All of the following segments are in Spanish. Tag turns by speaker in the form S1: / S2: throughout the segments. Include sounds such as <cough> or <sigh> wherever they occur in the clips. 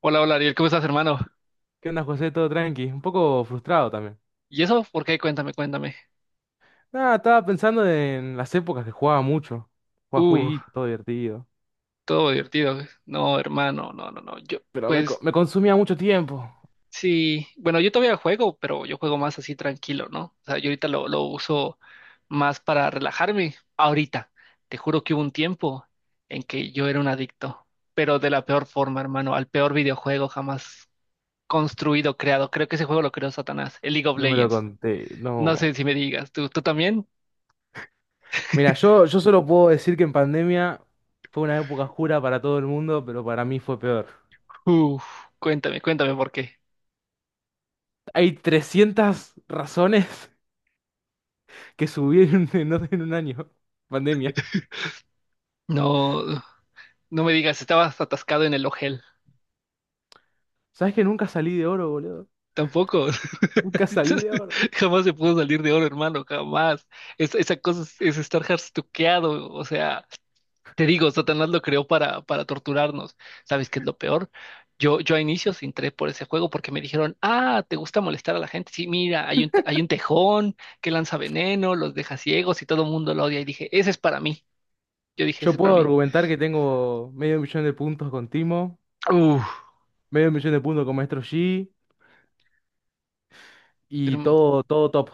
S1: Hola, hola Ariel, ¿cómo estás, hermano?
S2: ¿Qué onda, José? Todo tranqui. Un poco frustrado también.
S1: ¿Y eso? ¿Por qué? Cuéntame, cuéntame.
S2: Nada, estaba pensando en las épocas que jugaba mucho. Jugaba
S1: Uh,
S2: jueguito, todo divertido.
S1: Todo divertido. No, hermano, no, no, no. Yo,
S2: Pero
S1: pues
S2: me consumía mucho tiempo.
S1: sí, bueno, yo todavía juego, pero yo juego más así tranquilo, ¿no? O sea, yo ahorita lo uso más para relajarme. Ahorita, te juro que hubo un tiempo en que yo era un adicto, pero de la peor forma, hermano, al peor videojuego jamás construido, creado. Creo que ese juego lo creó Satanás, el League of
S2: No me lo
S1: Legends.
S2: conté,
S1: No
S2: no.
S1: sé si me digas, ¿tú también?
S2: Mira, yo solo puedo decir que en pandemia fue una época oscura para todo el mundo, pero para mí fue peor.
S1: Uf, cuéntame, cuéntame por qué.
S2: Hay 300 razones <laughs> que subí en un año. <laughs> Pandemia.
S1: No, no me digas, estabas atascado en el Ojel.
S2: ¿Sabes que nunca salí de oro, boludo?
S1: Tampoco.
S2: Nunca salí de oro.
S1: <laughs> Jamás se pudo salir de oro, hermano, jamás. Esa cosa es estar harstuqueado. O sea, te digo, Satanás lo creó para torturarnos. ¿Sabes qué es lo peor? Yo a inicios entré por ese juego porque me dijeron, ah, ¿te gusta molestar a la gente? Sí, mira, hay un tejón que lanza veneno, los deja ciegos y todo el mundo lo odia. Y dije, ese es para mí. Yo dije, ese
S2: Yo
S1: es para
S2: puedo
S1: mí.
S2: argumentar que tengo 500.000 de puntos con Timo.
S1: Uf,
S2: 500.000 de puntos con Maestro Yi y todo top.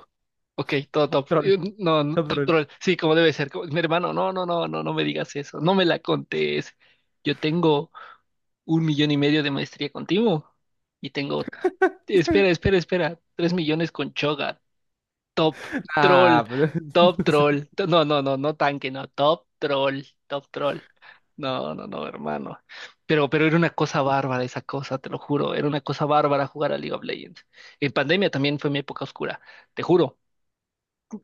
S1: ok, todo
S2: Top
S1: top.
S2: troll,
S1: No, no,
S2: Top
S1: top
S2: troll.
S1: troll. Sí, como debe ser. Mi hermano, no, no, no, no, no me digas eso. No me la contés. Yo tengo 1.5 millones de maestría contigo. Y tengo, espera, espera, espera. 3 millones con Choga. Top
S2: <laughs>
S1: troll.
S2: Ah, pero- <laughs>
S1: Top
S2: no sé.
S1: troll. No, no, no, no tanque, no. Top troll. Top troll. No, no, no, hermano. Pero era una cosa bárbara esa cosa, te lo juro. Era una cosa bárbara jugar a League of Legends. En pandemia también fue mi época oscura, te juro.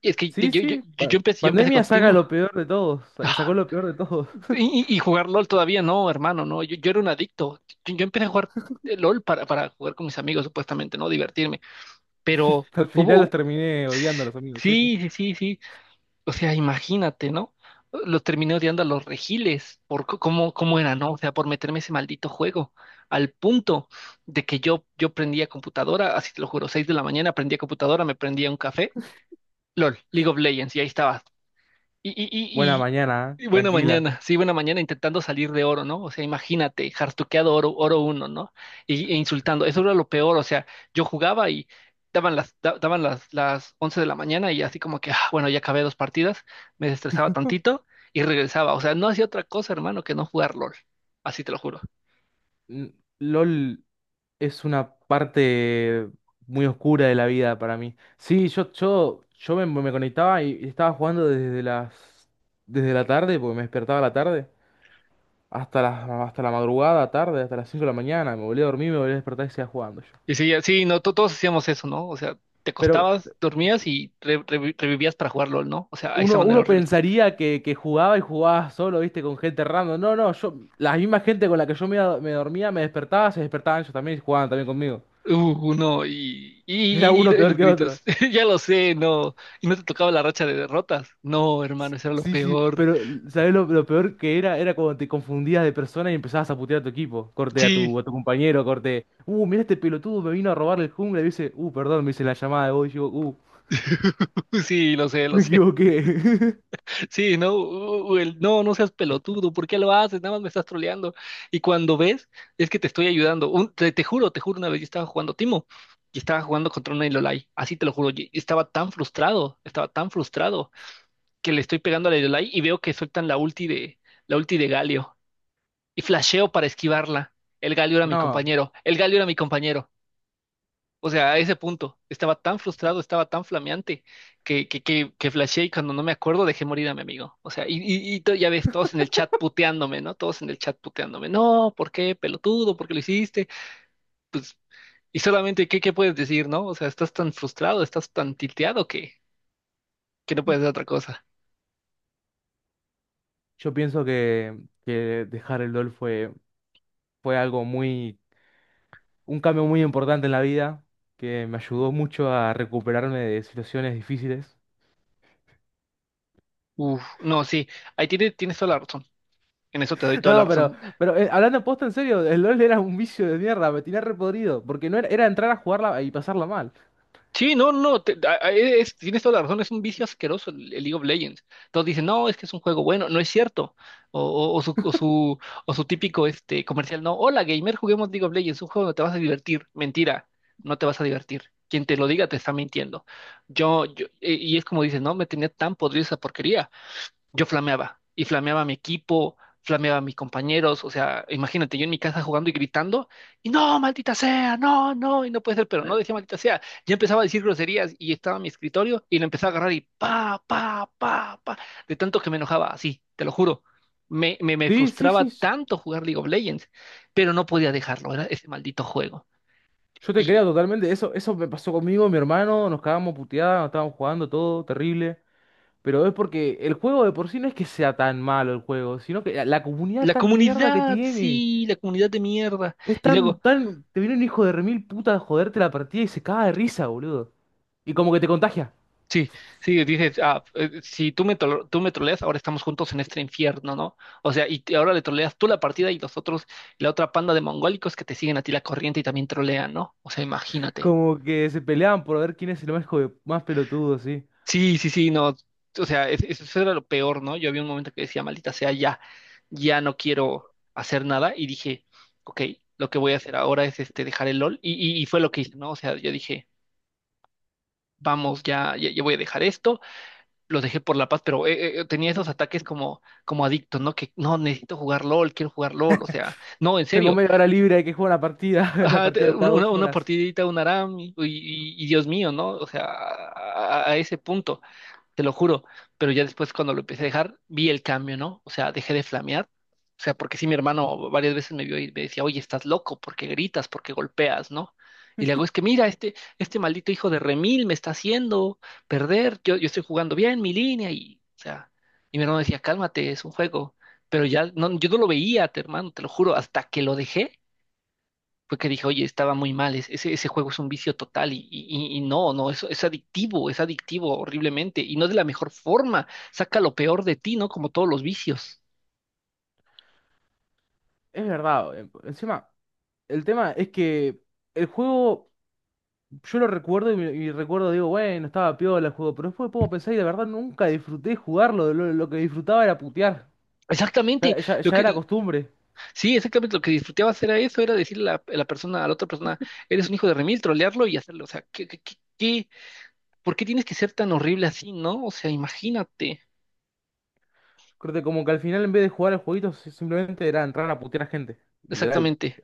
S1: Es que te-
S2: Sí,
S1: yo, yo,
S2: sí.
S1: yo, yo empecé, yo empecé con
S2: Pandemia saca
S1: Timo.
S2: lo peor de todos. Sacó
S1: Ah,
S2: lo peor de todos.
S1: Y jugar LOL todavía no, hermano, no. Yo era un adicto. Yo empecé a jugar LOL para jugar con mis amigos, supuestamente, ¿no? Divertirme. Pero
S2: <laughs> Al
S1: hubo,
S2: final los
S1: hubo-
S2: terminé odiando a los amigos, sí.
S1: sí, sí, sí, sí. O sea, imagínate, ¿no? Los terminé odiando a los regiles por cómo era, ¿no? O sea, por meterme ese maldito juego. Al punto de que yo prendía computadora, así te lo juro, 6 de la mañana prendía computadora, me prendía un café, LOL, League of Legends, y ahí estaba. Y, y,
S2: Buena
S1: y,
S2: mañana,
S1: y,
S2: ¿eh?
S1: y buena
S2: Tranquila.
S1: mañana, sí, buena mañana intentando salir de oro, ¿no? O sea, imagínate, jartuqueado oro, uno, ¿no? E insultando, eso era lo peor, o sea, yo jugaba y daban las 11 de la mañana y así como que, ah, bueno, ya acabé dos partidas, me estresaba tantito y regresaba, o sea, no hacía otra cosa, hermano, que no jugar LOL, así te lo juro.
S2: N- LOL es una parte muy oscura de la vida para mí. Sí, me conectaba y estaba jugando desde la tarde, porque me despertaba a la tarde, hasta la madrugada, tarde, hasta las 5 de la mañana. Me volví a dormir, me volví a despertar y seguía jugando yo.
S1: Y sí, sí, no, todos hacíamos eso, ¿no? O sea, te
S2: Pero
S1: acostabas, dormías y revivías para jugar LOL, ¿no? O sea, a esa
S2: uno,
S1: manera
S2: uno
S1: horrible.
S2: pensaría que jugaba y jugaba solo, viste, con gente random. No, no, yo, la misma gente con la que me dormía, me despertaba, se despertaban ellos también y jugaban también conmigo.
S1: No, y,
S2: <laughs> Era
S1: y, y-
S2: uno
S1: y
S2: peor
S1: los
S2: que
S1: gritos.
S2: otro.
S1: <laughs> Ya lo sé, no. Y no te tocaba la racha de derrotas. No, hermano, eso era lo
S2: Sí, sí,
S1: peor.
S2: pero ¿sabés lo peor que era? Era cuando te confundías de persona y empezabas a putear a tu equipo. Corte a tu,
S1: Sí,
S2: a tu compañero, corte. Mira este pelotudo me vino a robar el jungla y dice, perdón, me hice la llamada de vos y digo,
S1: <laughs> sí, lo sé, lo
S2: me
S1: sé.
S2: equivoqué.
S1: <laughs> Sí, no, no, no seas pelotudo. ¿Por qué lo haces? Nada más me estás troleando. Y cuando ves, es que te estoy ayudando. Te juro, te juro, una vez yo estaba jugando Timo y estaba jugando contra una Iolai. Así te lo juro. Y estaba tan frustrado, estaba tan frustrado que le estoy pegando a la Iolai y veo que sueltan la ulti de Galio. Y flasheo para esquivarla. El Galio
S2: <laughs>
S1: era mi
S2: No.
S1: compañero, el Galio era mi compañero. O sea, a ese punto, estaba tan frustrado, estaba tan flameante que flasheé y cuando no me acuerdo dejé morir a mi amigo. O sea, ya ves, todos en el chat puteándome, ¿no? Todos en el chat puteándome. No, ¿por qué, pelotudo? ¿Por qué lo hiciste? Pues, y solamente, ¿qué puedes decir, no? O sea, estás tan frustrado, estás tan tilteado que no puedes hacer otra cosa.
S2: Yo pienso que dejar el LOL fue, fue algo muy, un cambio muy importante en la vida, que me ayudó mucho a recuperarme de situaciones difíciles. <laughs>
S1: Uf, no, sí, ahí tienes toda la razón. En eso te doy toda la
S2: No,
S1: razón.
S2: pero hablando posta en serio, el LOL era un vicio de mierda, me tenía repodrido, porque no era, era entrar a jugarla y pasarla mal.
S1: Sí, no, no, no, tienes toda la razón, es un vicio asqueroso el League of Legends. Todos dicen, no, es que es un juego bueno, no es cierto. O, o- o su, o, su, o su típico este, comercial, no, hola gamer, juguemos League of Legends, un juego donde te vas a divertir. Mentira, no te vas a divertir. Quien te lo diga te está mintiendo. Y es como dices, no, me tenía tan podrida esa porquería yo flameaba y flameaba a mi equipo, flameaba a mis compañeros, o sea, imagínate, yo en mi casa jugando y gritando, y no, maldita sea, no, no, y no puede ser, pero no decía maldita sea, ya empezaba a decir groserías y estaba en mi escritorio y lo empezaba a agarrar y pa, pa, pa, pa, de tanto que me enojaba, así, te lo juro. Me
S2: Sí, sí,
S1: frustraba
S2: sí, s-
S1: tanto jugar League of Legends, pero no podía dejarlo, era ese maldito juego.
S2: yo te creo
S1: Y
S2: totalmente, eso me pasó conmigo, mi hermano, nos cagábamos puteadas, nos estábamos jugando todo, terrible. Pero es porque el juego de por sí no es que sea tan malo el juego, sino que la comunidad
S1: la
S2: tan mierda que
S1: comunidad,
S2: tiene.
S1: sí, la comunidad de mierda.
S2: Es
S1: Y
S2: tan,
S1: luego,
S2: tan. Te viene un hijo de remil puta a joderte la partida y se caga de risa, boludo. Y como que te contagia.
S1: sí, sí, dices, ah, si tú me troleas, ahora estamos juntos en este infierno, ¿no? O sea, y ahora le troleas tú la partida y los otros, la otra panda de mongólicos que te siguen a ti la corriente y también trolean, ¿no? O sea, imagínate.
S2: Como que se peleaban por ver quién es el más, más pelotudo, sí.
S1: Sí, sí, sí, no. O sea, eso era lo peor, ¿no? Yo había un momento que decía, maldita sea, ya, ya no quiero hacer nada y dije, ok, lo que voy a hacer ahora es este, dejar el LOL y fue lo que hice, ¿no? O sea, yo dije, vamos, ya, ya, ya voy a dejar esto lo dejé por la paz, pero tenía esos ataques como, como adicto, ¿no? Que no, necesito jugar LOL, quiero jugar LOL, o sea, no, en
S2: Tengo
S1: serio.
S2: media hora
S1: <laughs>
S2: libre, hay que jugar la partida. <laughs> La
S1: Ajá,
S2: partida
S1: te-
S2: dura
S1: una,
S2: dos
S1: una
S2: horas.
S1: partidita, un ARAM, y Dios mío, ¿no? O sea, a ese punto te lo juro. Pero ya después cuando lo empecé a dejar, vi el cambio, ¿no? O sea, dejé de flamear. O sea, porque sí, mi hermano varias veces me vio y me decía, oye, estás loco, porque gritas, porque golpeas, ¿no? Y le hago, es que mira, este maldito hijo de Remil me está haciendo perder, yo estoy jugando bien mi línea y, o sea, y mi hermano decía, cálmate, es un juego. Pero ya, no, yo no lo veía, hermano, te lo juro, hasta que lo dejé fue que dije, oye, estaba muy mal, ese juego es un vicio total y no, no, eso es adictivo horriblemente y no de la mejor forma, saca lo peor de ti, ¿no? Como todos los vicios.
S2: Es verdad. Encima, el tema es que el juego, yo lo recuerdo y, y recuerdo, digo, bueno, estaba piola el juego, pero después me pongo a pensar y de verdad nunca disfruté jugarlo. Lo que disfrutaba era putear.
S1: Exactamente,
S2: Ya, ya
S1: lo
S2: ya
S1: que,
S2: era costumbre.
S1: sí, exactamente lo que disfrutaba hacer a eso era decirle a la, persona, a la otra persona, eres un hijo de remil, trolearlo y hacerlo, o sea, por qué tienes que ser tan horrible así, ¿no? O sea, imagínate,
S2: Creo que como que al final en vez de jugar el jueguito simplemente era entrar a putear a gente, literal.
S1: exactamente,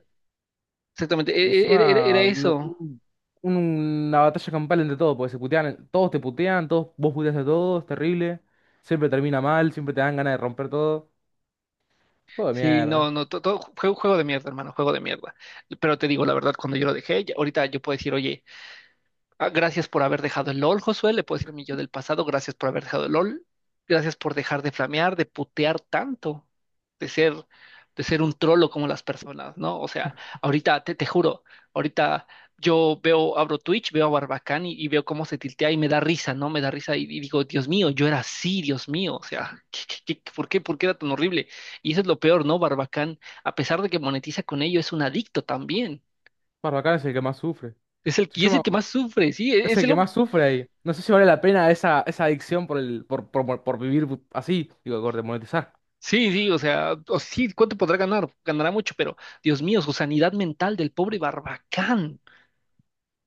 S1: exactamente,
S2: Y
S1: era
S2: encima
S1: eso.
S2: una batalla campal entre todos, porque se putean, todos te putean, todos, vos puteas a todos, terrible. Siempre termina mal, siempre te dan ganas de romper todo. Juego de
S1: Sí,
S2: mierda.
S1: no, no, todo, juego, juego de mierda, hermano, juego de mierda. Pero te digo la verdad, cuando yo lo dejé, ahorita yo puedo decir, oye, ah, gracias por haber dejado el LOL, Josué. Le puedo decir a mi yo del pasado, gracias por haber dejado el LOL. Gracias por dejar de flamear, de putear tanto, de ser, de ser un trolo como las personas, ¿no? O sea, ahorita, te juro, ahorita yo veo, abro Twitch, veo a Barbacán y veo cómo se tiltea y me da risa, ¿no? Me da risa y digo, Dios mío, yo era así, Dios mío. O sea, por qué era tan horrible? Y eso es lo peor, ¿no? Barbacán, a pesar de que monetiza con ello, es un adicto también.
S2: Barbacana es el que más sufre.
S1: Es el,
S2: Si
S1: y
S2: yo
S1: es el
S2: ma-
S1: que más sufre, sí, e,
S2: Es
S1: es
S2: el que
S1: el,
S2: más sufre ahí. No sé si vale la pena esa, esa adicción por el, por vivir así, digo, por monetizar.
S1: sí, sí, o sea, o sí, ¿cuánto podrá ganar? Ganará mucho, pero Dios mío, su sanidad mental del pobre Barbacán.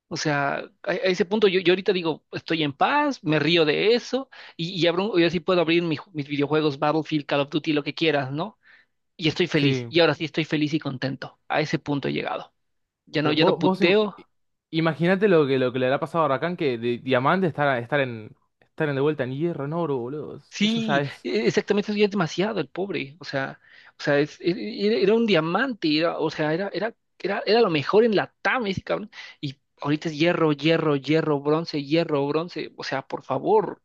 S1: O sea, a ese punto yo ahorita digo, estoy en paz, me río de eso, y abro, yo sí puedo abrir mi mis videojuegos, Battlefield, Call of Duty, lo que quieras, ¿no? Y estoy feliz,
S2: Sí.
S1: y ahora sí estoy feliz y contento. A ese punto he llegado. Ya no,
S2: Pero
S1: ya no puteo,
S2: imagínate lo que le habrá pasado a Rakan que de diamante estar en de vuelta en hierro, en oro, boludo. Eso ya
S1: sí,
S2: es.
S1: exactamente, eso ya es demasiado el pobre, o sea, era un diamante, era, o sea, era lo mejor en la TAM ese cabrón, y ahorita es hierro, hierro, hierro, bronce, o sea, por favor,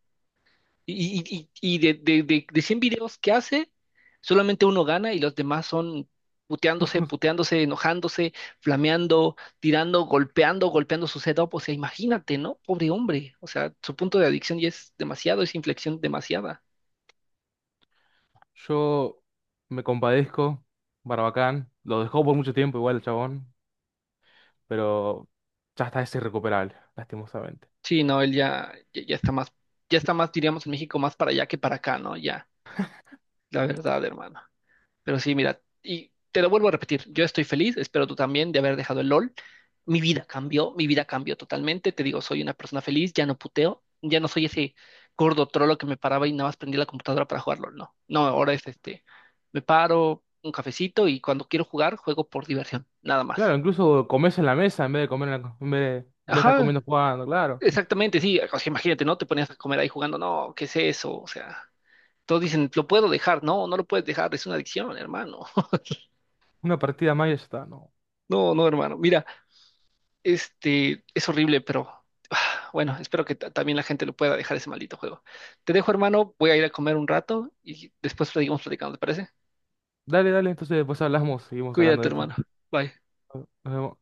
S1: y de 100 videos que hace, solamente uno gana y los demás son puteándose, puteándose, enojándose, flameando, tirando, golpeando, golpeando su setup, o sea, imagínate, ¿no? Pobre hombre, o sea, su punto de adicción ya es demasiado, es inflexión demasiada.
S2: Yo me compadezco, Barbacán. Lo dejó por mucho tiempo igual el chabón, pero ya está, es irrecuperable, lastimosamente.
S1: Sí, no, él ya, ya, ya está más, diríamos en México, más para allá que para acá, ¿no? Ya, la verdad, hermano. Pero sí, mira, y te lo vuelvo a repetir, yo estoy feliz, espero tú también de haber dejado el LOL. Mi vida cambió totalmente, te digo, soy una persona feliz, ya no puteo, ya no soy ese gordo trolo que me paraba y nada más prendía la computadora para jugar LOL, no. No, ahora es este, me paro, un cafecito y cuando quiero jugar, juego por diversión, nada más.
S2: Claro, incluso comes en la mesa en vez en vez de estar
S1: Ajá,
S2: comiendo jugando, claro.
S1: exactamente, sí, o sea, imagínate, ¿no? Te ponías a comer ahí jugando, no, ¿qué es eso? O sea... Todos dicen, lo puedo dejar. No, no lo puedes dejar, es una adicción, hermano. <laughs>
S2: Una partida más y ya está, no.
S1: No, no, hermano. Mira, este es horrible, pero <sighs> ah, bueno, espero que también la gente lo pueda dejar ese maldito juego. Te dejo, hermano, voy a ir a comer un rato y después seguimos platicando, ¿te parece?
S2: Dale, dale, entonces después hablamos, seguimos hablando
S1: Cuídate,
S2: de esto.
S1: hermano. Bye.
S2: Nos vemos.